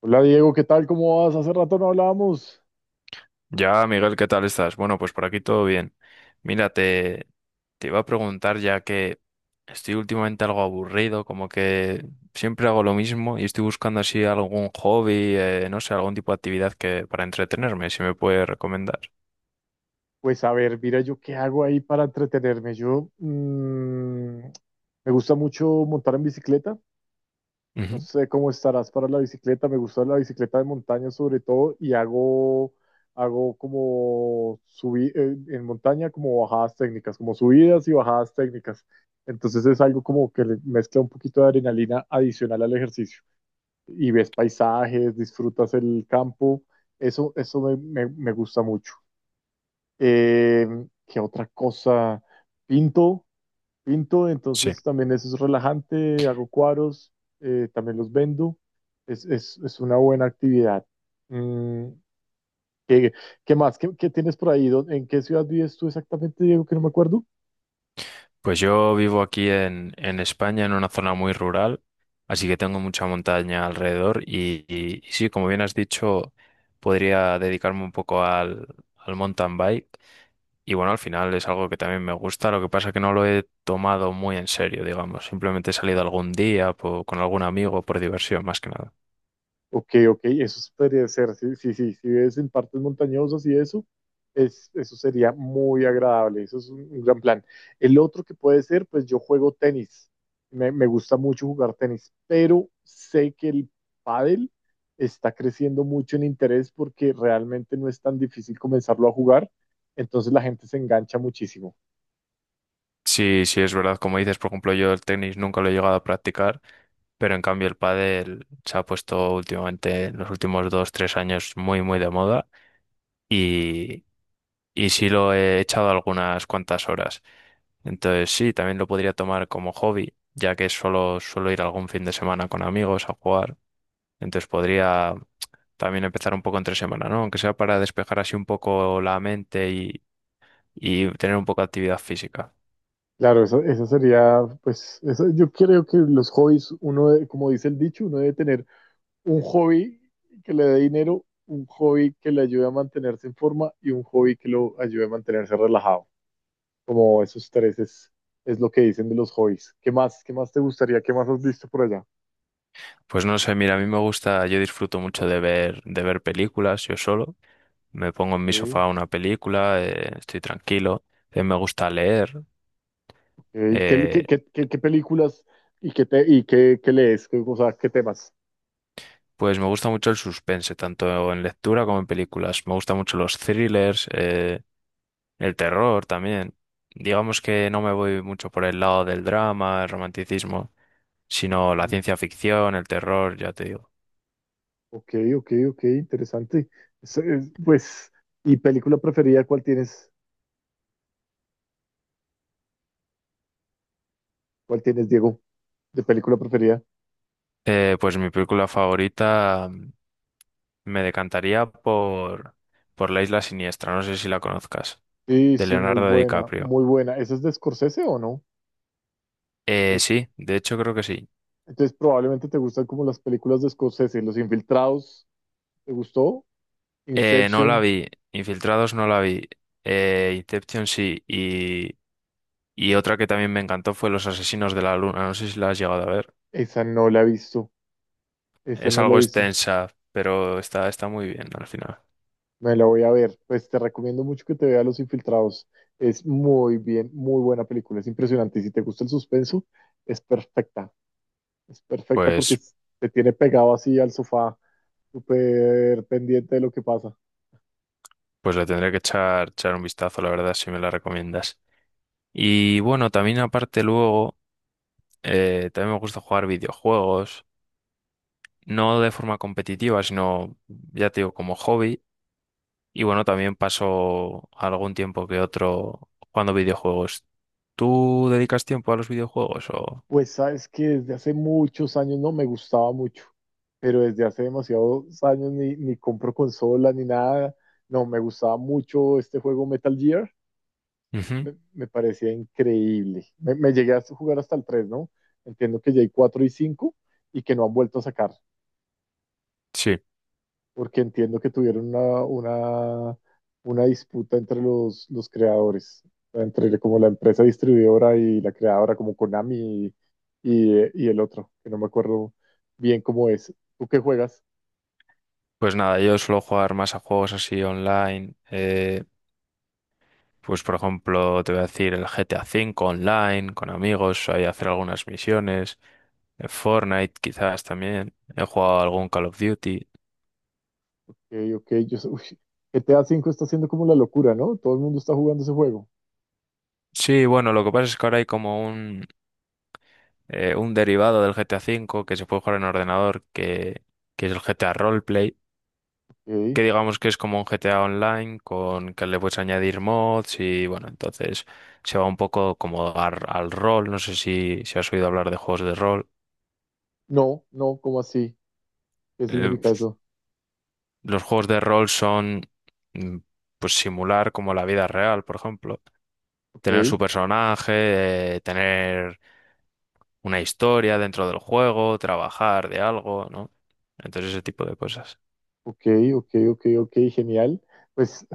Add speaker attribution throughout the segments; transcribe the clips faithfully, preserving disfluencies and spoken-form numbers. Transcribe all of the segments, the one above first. Speaker 1: Hola Diego, ¿qué tal? ¿Cómo vas? Hace rato no hablábamos.
Speaker 2: Ya, Miguel, ¿qué tal estás? Bueno, pues por aquí todo bien. Mira, te, te iba a preguntar ya que estoy últimamente algo aburrido, como que siempre hago lo mismo y estoy buscando así algún hobby, eh, no sé, algún tipo de actividad que para entretenerme, si me puede recomendar.
Speaker 1: Pues a ver, mira, yo qué hago ahí para entretenerme. Yo mm, me gusta mucho montar en bicicleta. No
Speaker 2: Ujú.
Speaker 1: sé cómo estarás para la bicicleta. Me gusta la bicicleta de montaña sobre todo y hago, hago como subir en montaña como bajadas técnicas, como subidas y bajadas técnicas. Entonces es algo como que le mezcla un poquito de adrenalina adicional al ejercicio. Y ves paisajes, disfrutas el campo. Eso, eso me, me- me gusta mucho. Eh, ¿qué otra cosa? Pinto, pinto,
Speaker 2: Sí,
Speaker 1: entonces también eso es relajante, hago cuadros, eh, también los vendo. Es, es- es una buena actividad. Mm, ¿qué, qué más? ¿Qué, qué tienes por ahí? ¿Dó- ¿En qué ciudad vives tú exactamente, Diego? Que no me acuerdo.
Speaker 2: pues yo vivo aquí en, en España, en una zona muy rural, así que tengo mucha montaña alrededor y, y- y sí, como bien has dicho, podría dedicarme un poco al, al mountain bike. Y bueno, al final es algo que también me gusta, lo que pasa es que no lo he tomado muy en serio, digamos. Simplemente he salido algún día po- con algún amigo por diversión, más que nada.
Speaker 1: Ok, ok, eso sí podría ser, sí, sí, sí, si ves en partes montañosas y eso, es, eso sería muy agradable, eso es un, un gran plan. El otro que puede ser, pues yo juego tenis, me, me gusta mucho jugar tenis, pero sé que el pádel está creciendo mucho en interés porque realmente no es tan difícil comenzarlo a jugar, entonces la gente se engancha muchísimo.
Speaker 2: Sí, sí, es verdad, como dices, por ejemplo, yo el tenis nunca lo he llegado a practicar, pero en cambio el pádel se ha puesto últimamente, en los últimos dos, tres años, muy, muy de moda y, y sí lo he echado algunas cuantas horas. Entonces sí, también lo podría tomar como hobby, ya que solo suelo ir algún fin de semana con amigos a jugar. Entonces podría también empezar un poco entre semana, ¿no? Aunque sea para despejar así un poco la mente y, y tener un poco de actividad física.
Speaker 1: Claro, eso, eso sería, pues, eso, yo creo que los hobbies, uno, de- como dice el dicho, uno debe tener un hobby que le dé dinero, un hobby que le ayude a mantenerse en forma y un hobby que lo ayude a mantenerse relajado. Como esos tres es, es lo que dicen de los hobbies. ¿Qué más, qué más te gustaría? ¿Qué más has visto por allá?
Speaker 2: Pues no sé, mira, a mí me gusta, yo disfruto mucho de ver, de ver películas yo solo. Me pongo en mi
Speaker 1: Ok,
Speaker 2: sofá una película, eh, estoy tranquilo. Eh, me gusta leer.
Speaker 1: ok. ¿Qué, qué-
Speaker 2: eh,
Speaker 1: qué- qué- qué películas y qué, te- y qué, qué lees? ¿Qué- O sea, ¿qué temas?
Speaker 2: pues me gusta mucho el suspense, tanto en lectura como en películas. Me gustan mucho los thrillers, eh, El terror también. Digamos que no me voy mucho por el lado del drama, el romanticismo, sino la ciencia ficción, el terror, ya te digo.
Speaker 1: Ok, ok, ok, interesante. Es- es- pues, ¿y película preferida cuál tienes? ¿Cuál tienes, Diego? ¿De película preferida?
Speaker 2: Eh, pues mi película favorita mm, me decantaría por, por La Isla Siniestra, no sé si la conozcas,
Speaker 1: Sí,
Speaker 2: de
Speaker 1: sí, muy
Speaker 2: Leonardo
Speaker 1: buena,
Speaker 2: DiCaprio.
Speaker 1: muy buena. ¿Esa es de Scorsese o no?
Speaker 2: Eh,
Speaker 1: Pero,
Speaker 2: sí, de hecho creo que sí.
Speaker 1: entonces probablemente te gustan como las películas de Scorsese, Los Infiltrados, ¿te gustó?
Speaker 2: Eh, no la
Speaker 1: Inception,
Speaker 2: vi, Infiltrados no la vi, eh, Inception sí, y, y otra que también me encantó fue Los Asesinos de la Luna, no sé si la has llegado a ver.
Speaker 1: esa no la he visto, esa
Speaker 2: Es
Speaker 1: no la
Speaker 2: algo
Speaker 1: he visto,
Speaker 2: extensa, pero está, está muy bien al final.
Speaker 1: me la voy a ver. Pues te recomiendo mucho que te veas Los Infiltrados, es muy bien, muy buena película, es impresionante. Y si te gusta el suspenso, es perfecta, es perfecta porque
Speaker 2: Pues,
Speaker 1: es- te tiene pegado así al sofá, súper pendiente de lo que pasa.
Speaker 2: pues le tendré que echar, echar un vistazo, la verdad, si me la recomiendas. Y bueno, también aparte luego, eh, también me gusta jugar videojuegos, no de forma competitiva, sino, ya te digo, como hobby. Y bueno, también paso algún tiempo que otro jugando videojuegos. ¿Tú dedicas tiempo a los videojuegos o...?
Speaker 1: Pues sabes que desde hace muchos años no me gustaba mucho, pero desde hace demasiados años ni, ni compro consola ni nada. No, me gustaba mucho este juego Metal Gear,
Speaker 2: Ujú.
Speaker 1: me, me parecía increíble. Me, me llegué a jugar hasta el tres, ¿no? Entiendo que ya hay cuatro y cinco y que no han vuelto a sacar.
Speaker 2: Sí,
Speaker 1: Porque entiendo que tuvieron una, una, una disputa entre los, los creadores, entre como la empresa distribuidora y la creadora, como Konami y, y, eh, y el otro, que no me acuerdo bien cómo es. ¿Tú qué juegas?
Speaker 2: pues nada, yo suelo jugar más a juegos así online. eh, Pues por ejemplo, te voy a decir el G T A cinco online, con amigos, ahí hacer algunas misiones, el Fortnite quizás también, he jugado algún Call of Duty.
Speaker 1: Ok, ok, yo sé- Uy, G T A cinco está haciendo como la locura, ¿no? Todo el mundo está jugando ese juego.
Speaker 2: Sí, bueno, lo que pasa es que ahora hay como un, eh, un derivado del G T A cinco que se puede jugar en ordenador, que, que es el G T A Roleplay,
Speaker 1: Ok.
Speaker 2: que digamos que es como un G T A online con que le puedes añadir mods y bueno, entonces se va un poco como ar- al rol, no sé si, si has oído hablar de juegos de rol.
Speaker 1: No, no, ¿cómo así? ¿Qué
Speaker 2: Eh,
Speaker 1: significa eso?
Speaker 2: Los juegos de rol son mm, pues simular como la vida real, por ejemplo. Tener
Speaker 1: Ok,
Speaker 2: su personaje, eh, tener una historia dentro del juego, trabajar de algo, ¿no? Entonces ese tipo de cosas.
Speaker 1: ok, ok, ok, ok, genial. Pues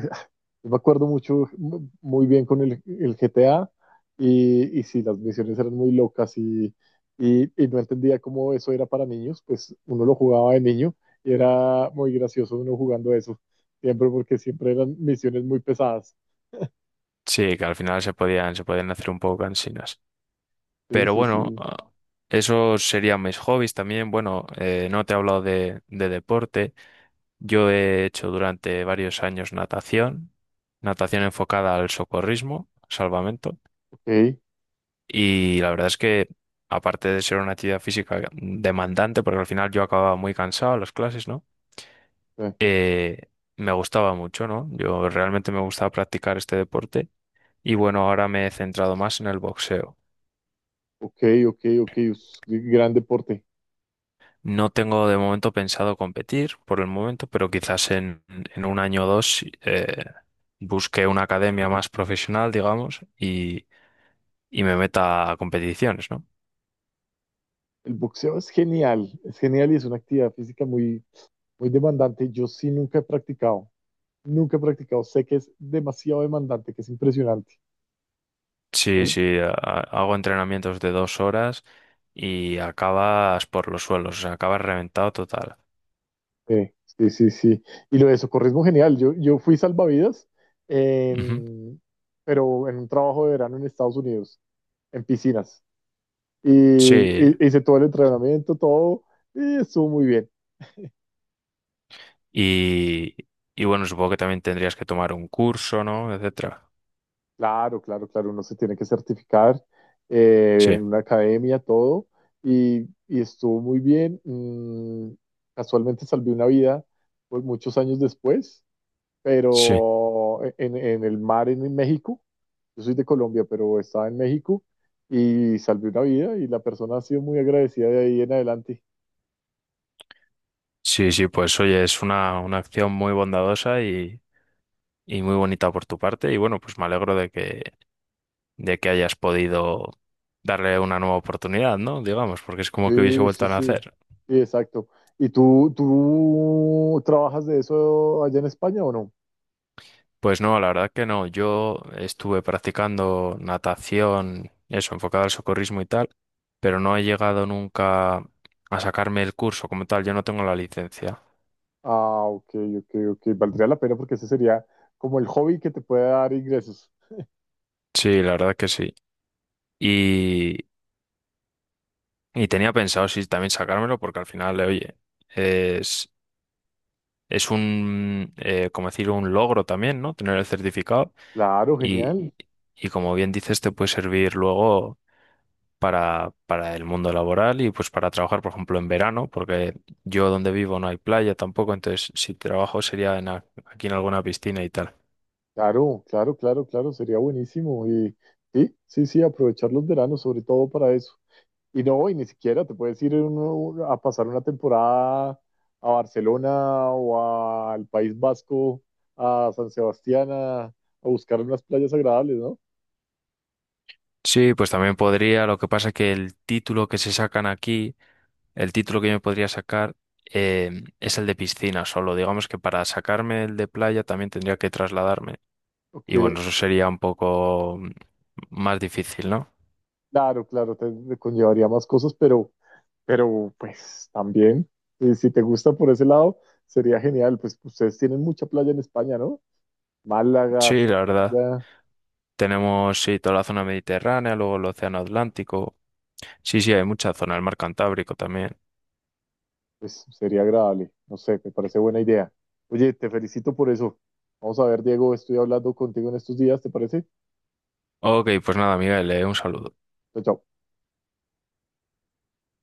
Speaker 1: yo me acuerdo mucho, mu- muy bien con el, el G T A y, y sí, las misiones eran muy locas y, y, y no entendía cómo eso era para niños, pues uno lo jugaba de niño y era muy gracioso uno jugando eso, siempre porque siempre eran misiones muy pesadas.
Speaker 2: Sí, que al final se podían, se podían hacer un poco cansinas.
Speaker 1: Sí,
Speaker 2: Pero
Speaker 1: sí,
Speaker 2: bueno,
Speaker 1: sí,
Speaker 2: ah, esos serían mis hobbies también. Bueno, eh, no te he hablado de, de deporte. Yo he hecho durante varios años natación, natación enfocada al socorrismo, salvamento.
Speaker 1: ok, eh,
Speaker 2: Y la verdad es que, aparte de ser una actividad física demandante, porque al final yo acababa muy cansado en las clases, ¿no? Eh, Me gustaba mucho, ¿no? Yo realmente me gustaba practicar este deporte y bueno, ahora me he centrado más en el boxeo.
Speaker 1: ok, ok, ok, es un gran deporte.
Speaker 2: No tengo de momento pensado competir por el momento, pero quizás en, en un año o dos eh, busque una academia más profesional, digamos, y, y me meta a competiciones, ¿no?
Speaker 1: El boxeo es genial, es genial y es una actividad física muy, muy demandante. Yo sí nunca he practicado, nunca he practicado, sé que es demasiado demandante, que es impresionante.
Speaker 2: Sí, sí, a- a- hago entrenamientos de dos horas y acabas por los suelos, o sea, acabas reventado total.
Speaker 1: Sí, sí, sí, sí. Y lo de socorrismo, genial. Yo, yo fui salvavidas,
Speaker 2: Ujú.
Speaker 1: em, pero en un trabajo de verano en Estados Unidos, en piscinas. Y,
Speaker 2: Sí,
Speaker 1: y- Hice todo el entrenamiento, todo, y estuvo muy bien.
Speaker 2: y, y bueno, supongo que también tendrías que tomar un curso, ¿no? Etcétera.
Speaker 1: Claro, claro, claro, uno se tiene que certificar eh,
Speaker 2: Sí,
Speaker 1: en una academia, todo, y, y estuvo muy bien. Mm, casualmente salvé una vida pues, muchos años después
Speaker 2: sí,
Speaker 1: pero en, en el mar en México, yo soy de Colombia, pero estaba en México y salvé una vida y la persona ha sido muy agradecida de ahí en adelante.
Speaker 2: sí, sí, pues oye, es una, una acción muy bondadosa y, y muy bonita por tu parte y bueno, pues me alegro de que, de que hayas podido darle una nueva oportunidad, ¿no? Digamos, porque es como que hubiese
Speaker 1: Sí,
Speaker 2: vuelto
Speaker 1: sí,
Speaker 2: a
Speaker 1: sí,
Speaker 2: nacer.
Speaker 1: sí, exacto. ¿Y tú, tú trabajas de eso allá en España o no?
Speaker 2: Pues no, la verdad que no. Yo estuve practicando natación, eso, enfocado al socorrismo y tal, pero no he llegado nunca a sacarme el curso como tal. Yo no tengo la licencia.
Speaker 1: Ah, ok, ok, ok. Valdría la pena porque ese sería como el hobby que te puede dar ingresos.
Speaker 2: Sí, la verdad que sí. Y, y tenía pensado, sí, también sacármelo porque al final, eh, oye, es, es un, eh, como decir, un logro también, ¿no? Tener el certificado
Speaker 1: Claro,
Speaker 2: y,
Speaker 1: genial.
Speaker 2: y como bien dices, te puede servir luego. para, para el mundo laboral y pues para trabajar, por ejemplo, en verano, porque yo donde vivo no hay playa tampoco, entonces si trabajo sería en, a- aquí en alguna piscina y tal.
Speaker 1: Claro, claro, claro, claro. Sería buenísimo. Y sí, sí, sí, aprovechar los veranos sobre todo para eso. Y no, y ni siquiera te puedes ir uno a pasar una temporada a Barcelona o a- al País Vasco, a San Sebastián, a, a buscar unas playas agradables, ¿no?
Speaker 2: Sí, pues también podría, lo que pasa que el título que se sacan aquí, el título que yo me podría sacar eh, es el de piscina solo. Digamos que para sacarme el de playa también tendría que trasladarme.
Speaker 1: Ok,
Speaker 2: Y bueno, eso sería un poco mm, más difícil, ¿no?
Speaker 1: claro, claro, te, te conllevaría más cosas, pero, pero pues también, eh, si te gusta por ese lado, sería genial. Pues ustedes tienen mucha playa en España, ¿no? Málaga,
Speaker 2: Sí, la verdad.
Speaker 1: Sevilla.
Speaker 2: Tenemos, sí, toda la zona mediterránea, luego el océano Atlántico. Sí, sí, hay mucha zona, el mar Cantábrico también.
Speaker 1: Pues sería agradable. No sé, me parece buena idea. Oye, te felicito por eso. Vamos a ver, Diego, estoy hablando contigo en estos días, ¿te parece?
Speaker 2: Ok, pues nada, Miguel, eh, un saludo.
Speaker 1: Chao, chao.